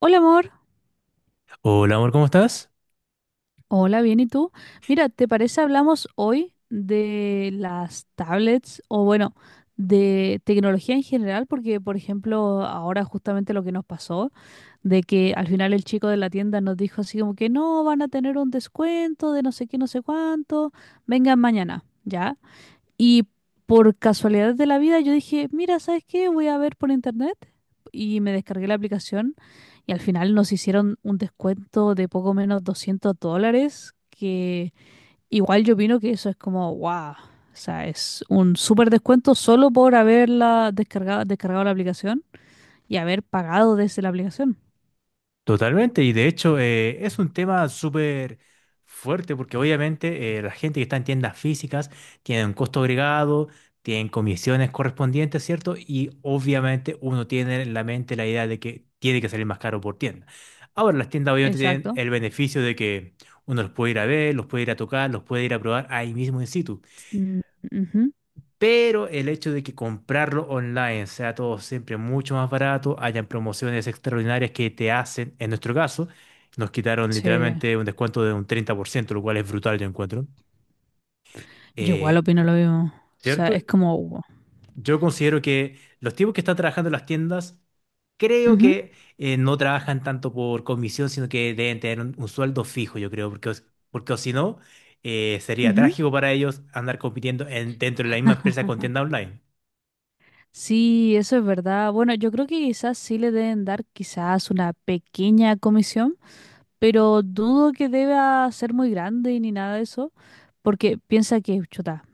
Hola amor, Hola amor, ¿cómo estás? hola, bien, ¿y tú? Mira, ¿te parece hablamos hoy de las tablets o bueno, de tecnología en general? Porque, por ejemplo, ahora justamente lo que nos pasó, de que al final el chico de la tienda nos dijo así como que no, van a tener un descuento de no sé qué, no sé cuánto, vengan mañana, ¿ya? Y por casualidad de la vida yo dije, mira, ¿sabes qué? Voy a ver por internet y me descargué la aplicación. Y al final nos hicieron un descuento de poco menos $200, que igual yo opino que eso es como, wow. O sea, es un súper descuento solo por haberla descargado la aplicación y haber pagado desde la aplicación. Totalmente, y de hecho es un tema súper fuerte porque obviamente la gente que está en tiendas físicas tiene un costo agregado, tienen comisiones correspondientes, ¿cierto? Y obviamente uno tiene en la mente la idea de que tiene que salir más caro por tienda. Ahora las tiendas obviamente tienen Exacto. el beneficio de que uno los puede ir a ver, los puede ir a tocar, los puede ir a probar ahí mismo en situ. Mm, ujú. Pero el hecho de que comprarlo online sea todo siempre mucho más barato, hayan promociones extraordinarias que te hacen, en nuestro caso, nos quitaron Sí, literalmente un descuento de un 30%, lo cual es brutal, yo encuentro. yo igual Eh, opino lo mismo. O sea, ¿Cierto? es como, wow. Yo considero que los tipos que están trabajando en las tiendas, creo Ujú, que no trabajan tanto por comisión, sino que deben tener un sueldo fijo, yo creo, porque, porque o si no, sería ujú. trágico para ellos andar compitiendo dentro de la misma empresa con tienda online. Sí, eso es verdad. Bueno, yo creo que quizás sí le deben dar quizás una pequeña comisión, pero dudo que deba ser muy grande ni nada de eso, porque piensa que, chuta,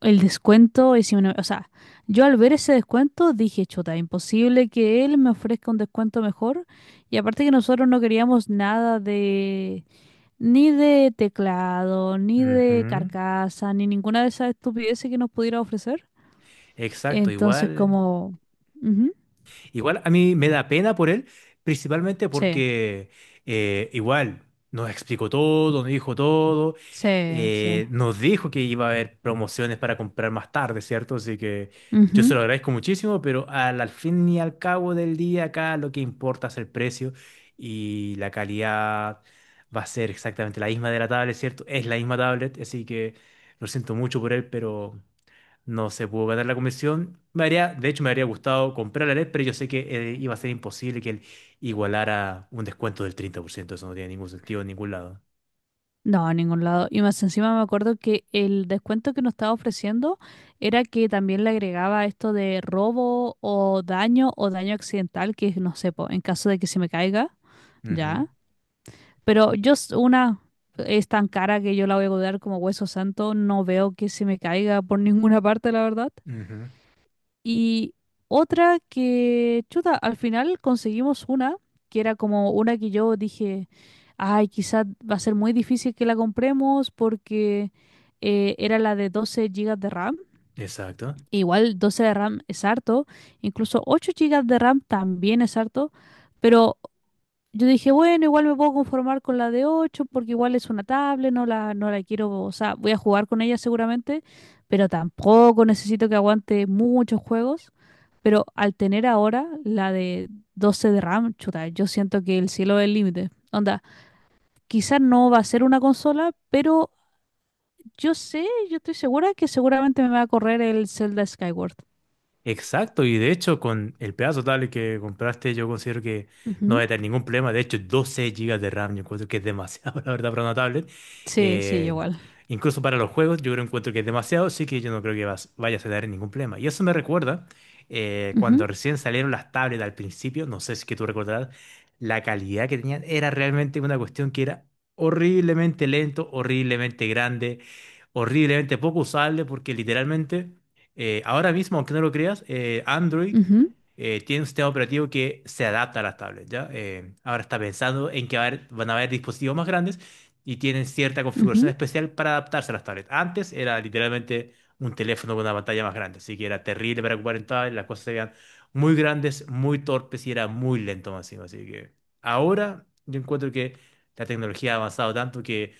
el descuento es... inmen- O sea, yo al ver ese descuento dije, chuta, imposible que él me ofrezca un descuento mejor. Y aparte que nosotros no queríamos nada de ni de teclado, ni de Ujú. carcasa, ni ninguna de esas estupideces que nos pudiera ofrecer. Exacto, Entonces, igual. Ujú. Igual a mí me da pena por él, principalmente Sí, porque igual nos explicó todo, sí, sí. Nos dijo que iba a haber promociones para comprar más tarde, ¿cierto? Así que yo se Ujú. lo agradezco muchísimo, pero al fin y al cabo del día acá lo que importa es el precio y la calidad va a ser exactamente la misma de la tablet, ¿cierto? Es la misma tablet, así que lo siento mucho por él, pero... No se pudo ganar la convención. Me haría, de hecho, me habría gustado comprar la LED, pero yo sé que iba a ser imposible que él igualara un descuento del 30%. Eso no tiene ningún sentido en ningún lado. No, a ningún lado. Y más encima me acuerdo que el descuento que nos estaba ofreciendo era que también le agregaba esto de robo o daño accidental, que es, no sé, po, en caso de que se me caiga, Ujú, ya. Pero yo, una es tan cara que yo la voy a cobrar como hueso santo, no veo que se me caiga por ninguna parte, la verdad. ujú. Y otra que, chuta, al final conseguimos una, que era como una que yo dije, ay, quizás va a ser muy difícil que la compremos porque era la de 12 gigas de RAM. Exacto. Igual 12 de RAM es harto, incluso 8 gigas de RAM también es harto, pero yo dije, bueno, igual me puedo conformar con la de 8 porque igual es una tablet, no la quiero. O sea, voy a jugar con ella seguramente, pero tampoco necesito que aguante muchos juegos. Pero al tener ahora la de 12 de RAM, chuta, yo siento que el cielo es el límite. Onda, quizás no va a ser una consola, pero yo sé, yo estoy segura que seguramente me va a correr el Zelda Skyward. Exacto, y de hecho con el pedazo tablet que compraste yo considero que no va Ujú. a tener ningún problema, de hecho 12 gigas de RAM yo encuentro que es demasiado, la verdad, para una tablet. Sí, sí, yo Eh, igual. incluso para los juegos yo creo encuentro que es demasiado, así que yo no creo que vayas a tener ningún problema. Y eso me recuerda cuando Ujú, recién salieron las tablets al principio, no sé si es que tú recordarás, la calidad que tenían era realmente una cuestión que era horriblemente lento, horriblemente grande, horriblemente poco usable porque literalmente... ahora mismo, aunque no lo creas, Android ujú, tiene un sistema operativo que se adapta a las tablets, ¿ya? Ahora está pensando en que va a van a haber dispositivos más grandes y tienen cierta configuración ujú, especial para adaptarse a las tablets. Antes era literalmente un teléfono con una pantalla más grande, así que era terrible para ocupar en tablet, las cosas se veían muy grandes, muy torpes y era muy lento más encima. Así que ahora yo encuentro que la tecnología ha avanzado tanto que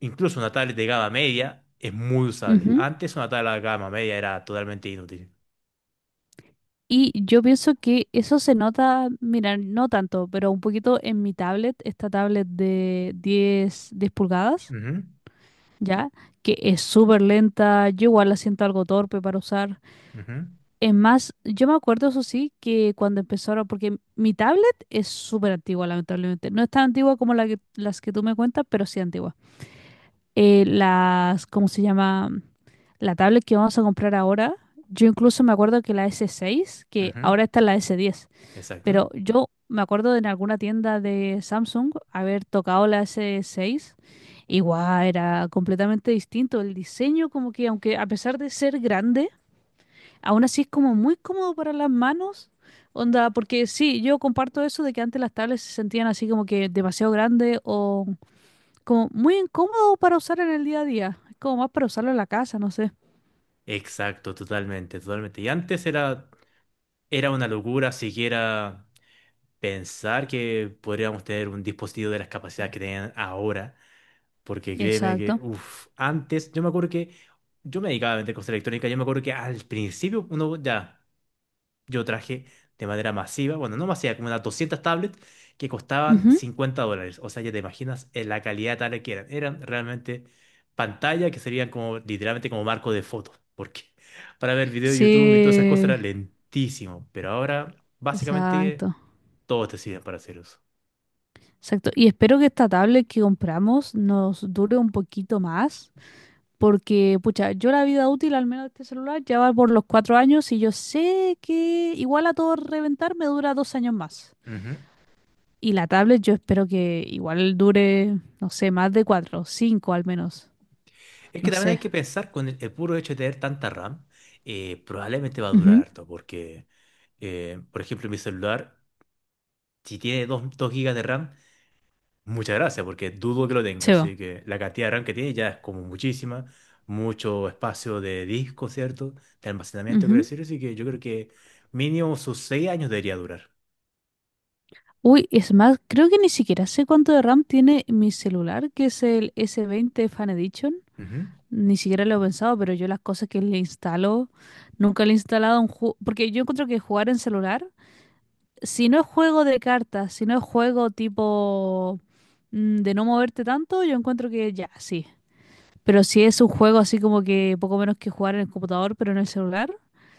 incluso una tablet de gama media es muy usable. ujú. Antes una tablet de gama media era totalmente inútil. Y yo pienso que eso se nota, mira, no tanto, pero un poquito en mi tablet, esta tablet de 10 10 pulgadas, Ujú, ¿ya? Que es súper lenta, yo igual la siento algo torpe para usar. ujú, Es más, yo me acuerdo, eso sí, que cuando empezaron, porque mi tablet es súper antigua, lamentablemente. No es tan antigua como las que tú me cuentas, pero sí antigua. Las, ¿cómo se llama? La tablet que vamos a comprar ahora, yo incluso me acuerdo que la S6, que ujú. ahora está en la S10. Exacto. Pero yo me acuerdo de en alguna tienda de Samsung haber tocado la S6. Igual era completamente distinto. El diseño, como que aunque a pesar de ser grande, aún así es como muy cómodo para las manos. Onda, porque sí, yo comparto eso de que antes las tablets se sentían así como que demasiado grande o como muy incómodo para usar en el día a día. Es como más para usarlo en la casa, no sé. Exacto, totalmente, totalmente. Y antes era, era una locura siquiera pensar que podríamos tener un dispositivo de las capacidades que tienen ahora. Porque créeme Exacto. que, uff, antes, yo me acuerdo que yo me dedicaba a vender cosas electrónicas, yo me acuerdo que al principio uno ya. Yo traje de manera masiva, bueno, no masiva, como unas 200 tablets que costaban Ujú. $50. O sea, ya te imaginas la calidad tal que eran. Eran realmente pantalla que servían como, literalmente como marco de fotos. Porque para ver video de YouTube y todas esas cosas era Sí, lentísimo. Pero ahora, básicamente, exacto. todos te sirven para hacer uso. Exacto. Y espero que esta tablet que compramos nos dure un poquito más, porque, pucha, yo la vida útil al menos de este celular ya va por los 4 años y yo sé que igual a todo reventar me dura 2 años más. Ujú. Y la tablet yo espero que igual dure, no sé, más de cuatro, cinco al menos. Es que No también hay sé. que pensar con el puro hecho de tener tanta RAM, probablemente va a durar Ujú. harto, porque, por ejemplo, mi celular, si tiene dos gigas de RAM. Muchas gracias, porque dudo que lo tenga, Se va. así que la cantidad de RAM que tiene ya es como muchísima, mucho espacio de disco, ¿cierto? De almacenamiento, quiero Ujú. decir, así que yo creo que mínimo sus 6 años debería durar. Uy, es más, creo que ni siquiera sé cuánto de RAM tiene mi celular, que es el S20 Fan Edition. Ujú, Ni siquiera lo he pensado, pero yo las cosas que le instalo, nunca le he instalado un juego, porque yo encuentro que jugar en celular, si no es juego de cartas, si no es juego tipo de no moverte tanto, yo encuentro que ya, sí. Pero si es un juego así como que poco menos que jugar en el computador, pero no en el celular,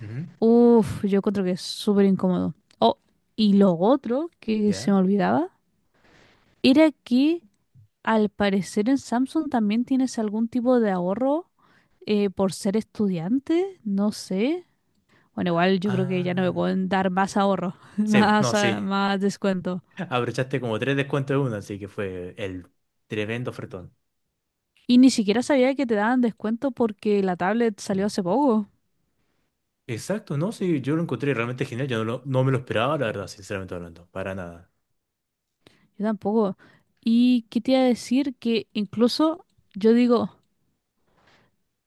ujú, uff, yo encuentro que es súper incómodo. Oh, y lo otro que se me ¿ya? olvidaba era que al parecer en Samsung también tienes algún tipo de ahorro por ser estudiante, no sé. Bueno, igual yo creo que ya no me Ah, pueden dar más ahorro, sí, no, más, ah, sí, más descuento. abrochaste como tres descuentos de uno, así que fue el tremendo ofertón. Y ni siquiera sabía que te daban descuento porque la tablet salió hace poco. Exacto, no, sí, yo lo encontré realmente genial, yo no, lo- no me lo esperaba, la verdad, sinceramente hablando, para nada. Yo tampoco. Y qué te iba a decir que incluso yo digo,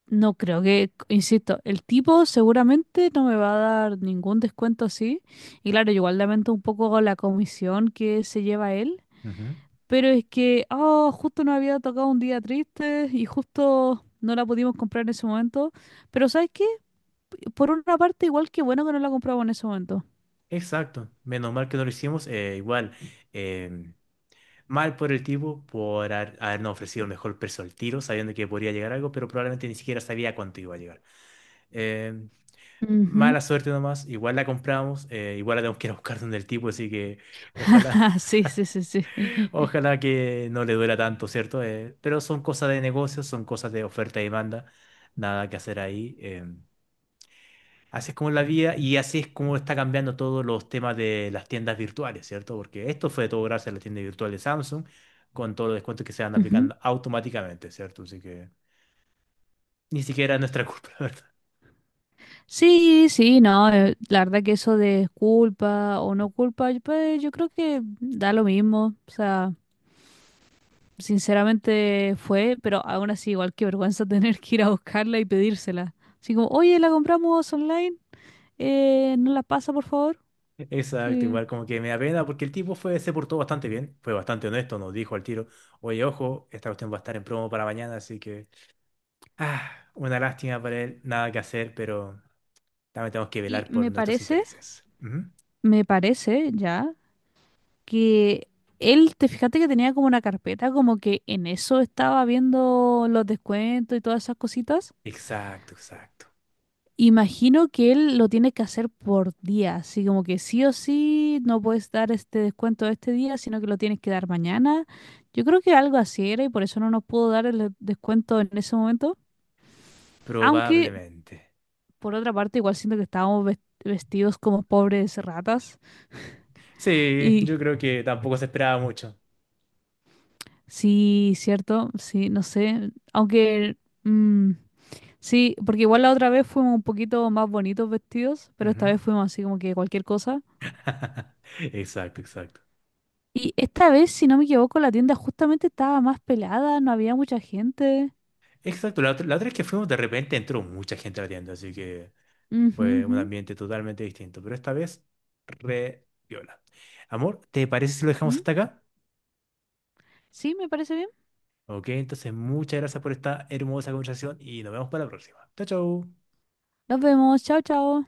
no creo que, insisto, el tipo seguramente no me va a dar ningún descuento así. Y claro, yo igual lamento un poco la comisión que se lleva él. Ujú. Pero es que, justo nos había tocado un día triste y justo no la pudimos comprar en ese momento. Pero ¿sabes qué? Por una parte, igual que bueno que no la compramos en ese momento. Exacto, menos mal que no lo hicimos, igual. em, Mal por el tipo por habernos ofrecido el mejor precio al tiro, sabiendo que podría llegar algo, pero probablemente ni siquiera sabía cuánto iba a llegar. Eh, Ujú. mala suerte nomás, igual la compramos, igual la tenemos que ir a buscar donde el tipo, así que ojalá, Ah, sí, sí, sí, sí. ojalá que no le duela tanto, ¿cierto? Pero son cosas de negocios, son cosas de oferta y demanda, nada que hacer ahí. Así es como la vida y así es como está cambiando todos los temas de las tiendas virtuales, ¿cierto? Porque esto fue todo gracias a la tienda virtual de Samsung, con todos los descuentos que se van Ujú. aplicando automáticamente, ¿cierto? Así que ni siquiera es nuestra culpa, la ¿verdad? Sí, sí, no, la verdad que eso de culpa o no culpa, pues yo creo que da lo mismo. O sea, sinceramente fue, pero aún así igual que vergüenza tener que ir a buscarla y pedírsela. Así como, oye, la compramos online, ¿nos la pasa por favor? Exacto, Sí. igual como que me da pena porque el tipo fue, se portó bastante bien, fue bastante honesto, nos dijo al tiro, oye, ojo, esta cuestión va a estar en promo para mañana, así que, ah, una lástima para él, nada que hacer, pero también tenemos que Y velar me por nuestros parece, intereses. Ujú. me parece ya que él, te fíjate que tenía como una carpeta, como que en eso estaba viendo los descuentos y todas esas cositas. Exacto, exacto. Imagino que él lo tiene que hacer por día, así como que sí o sí no puedes dar este descuento este día, sino que lo tienes que dar mañana. Yo creo que algo así era y por eso no nos pudo dar el descuento en ese momento. Aunque Probablemente. por otra parte igual siento que estábamos vestidos como pobres ratas. Sí, yo Y creo que tampoco se esperaba mucho. sí, cierto, sí, no sé, aunque mm, sí, porque igual la otra vez fuimos un poquito más bonitos vestidos, pero esta Ujú. vez fuimos así como que cualquier cosa. Exacto, exacto. Y esta vez, si no me equivoco, la tienda justamente estaba más pelada, no había mucha gente. Exacto, la otra vez que fuimos de repente entró mucha gente a la tienda, así que Ujú, fue un ujú, ambiente totalmente distinto, pero esta vez re viola. Amor, ¿te parece si lo dejamos mm. hasta acá? Sí, me parece bien. Ok, entonces muchas gracias por esta hermosa conversación y nos vemos para la próxima. Chao, chao. Nos vemos, chao, chao.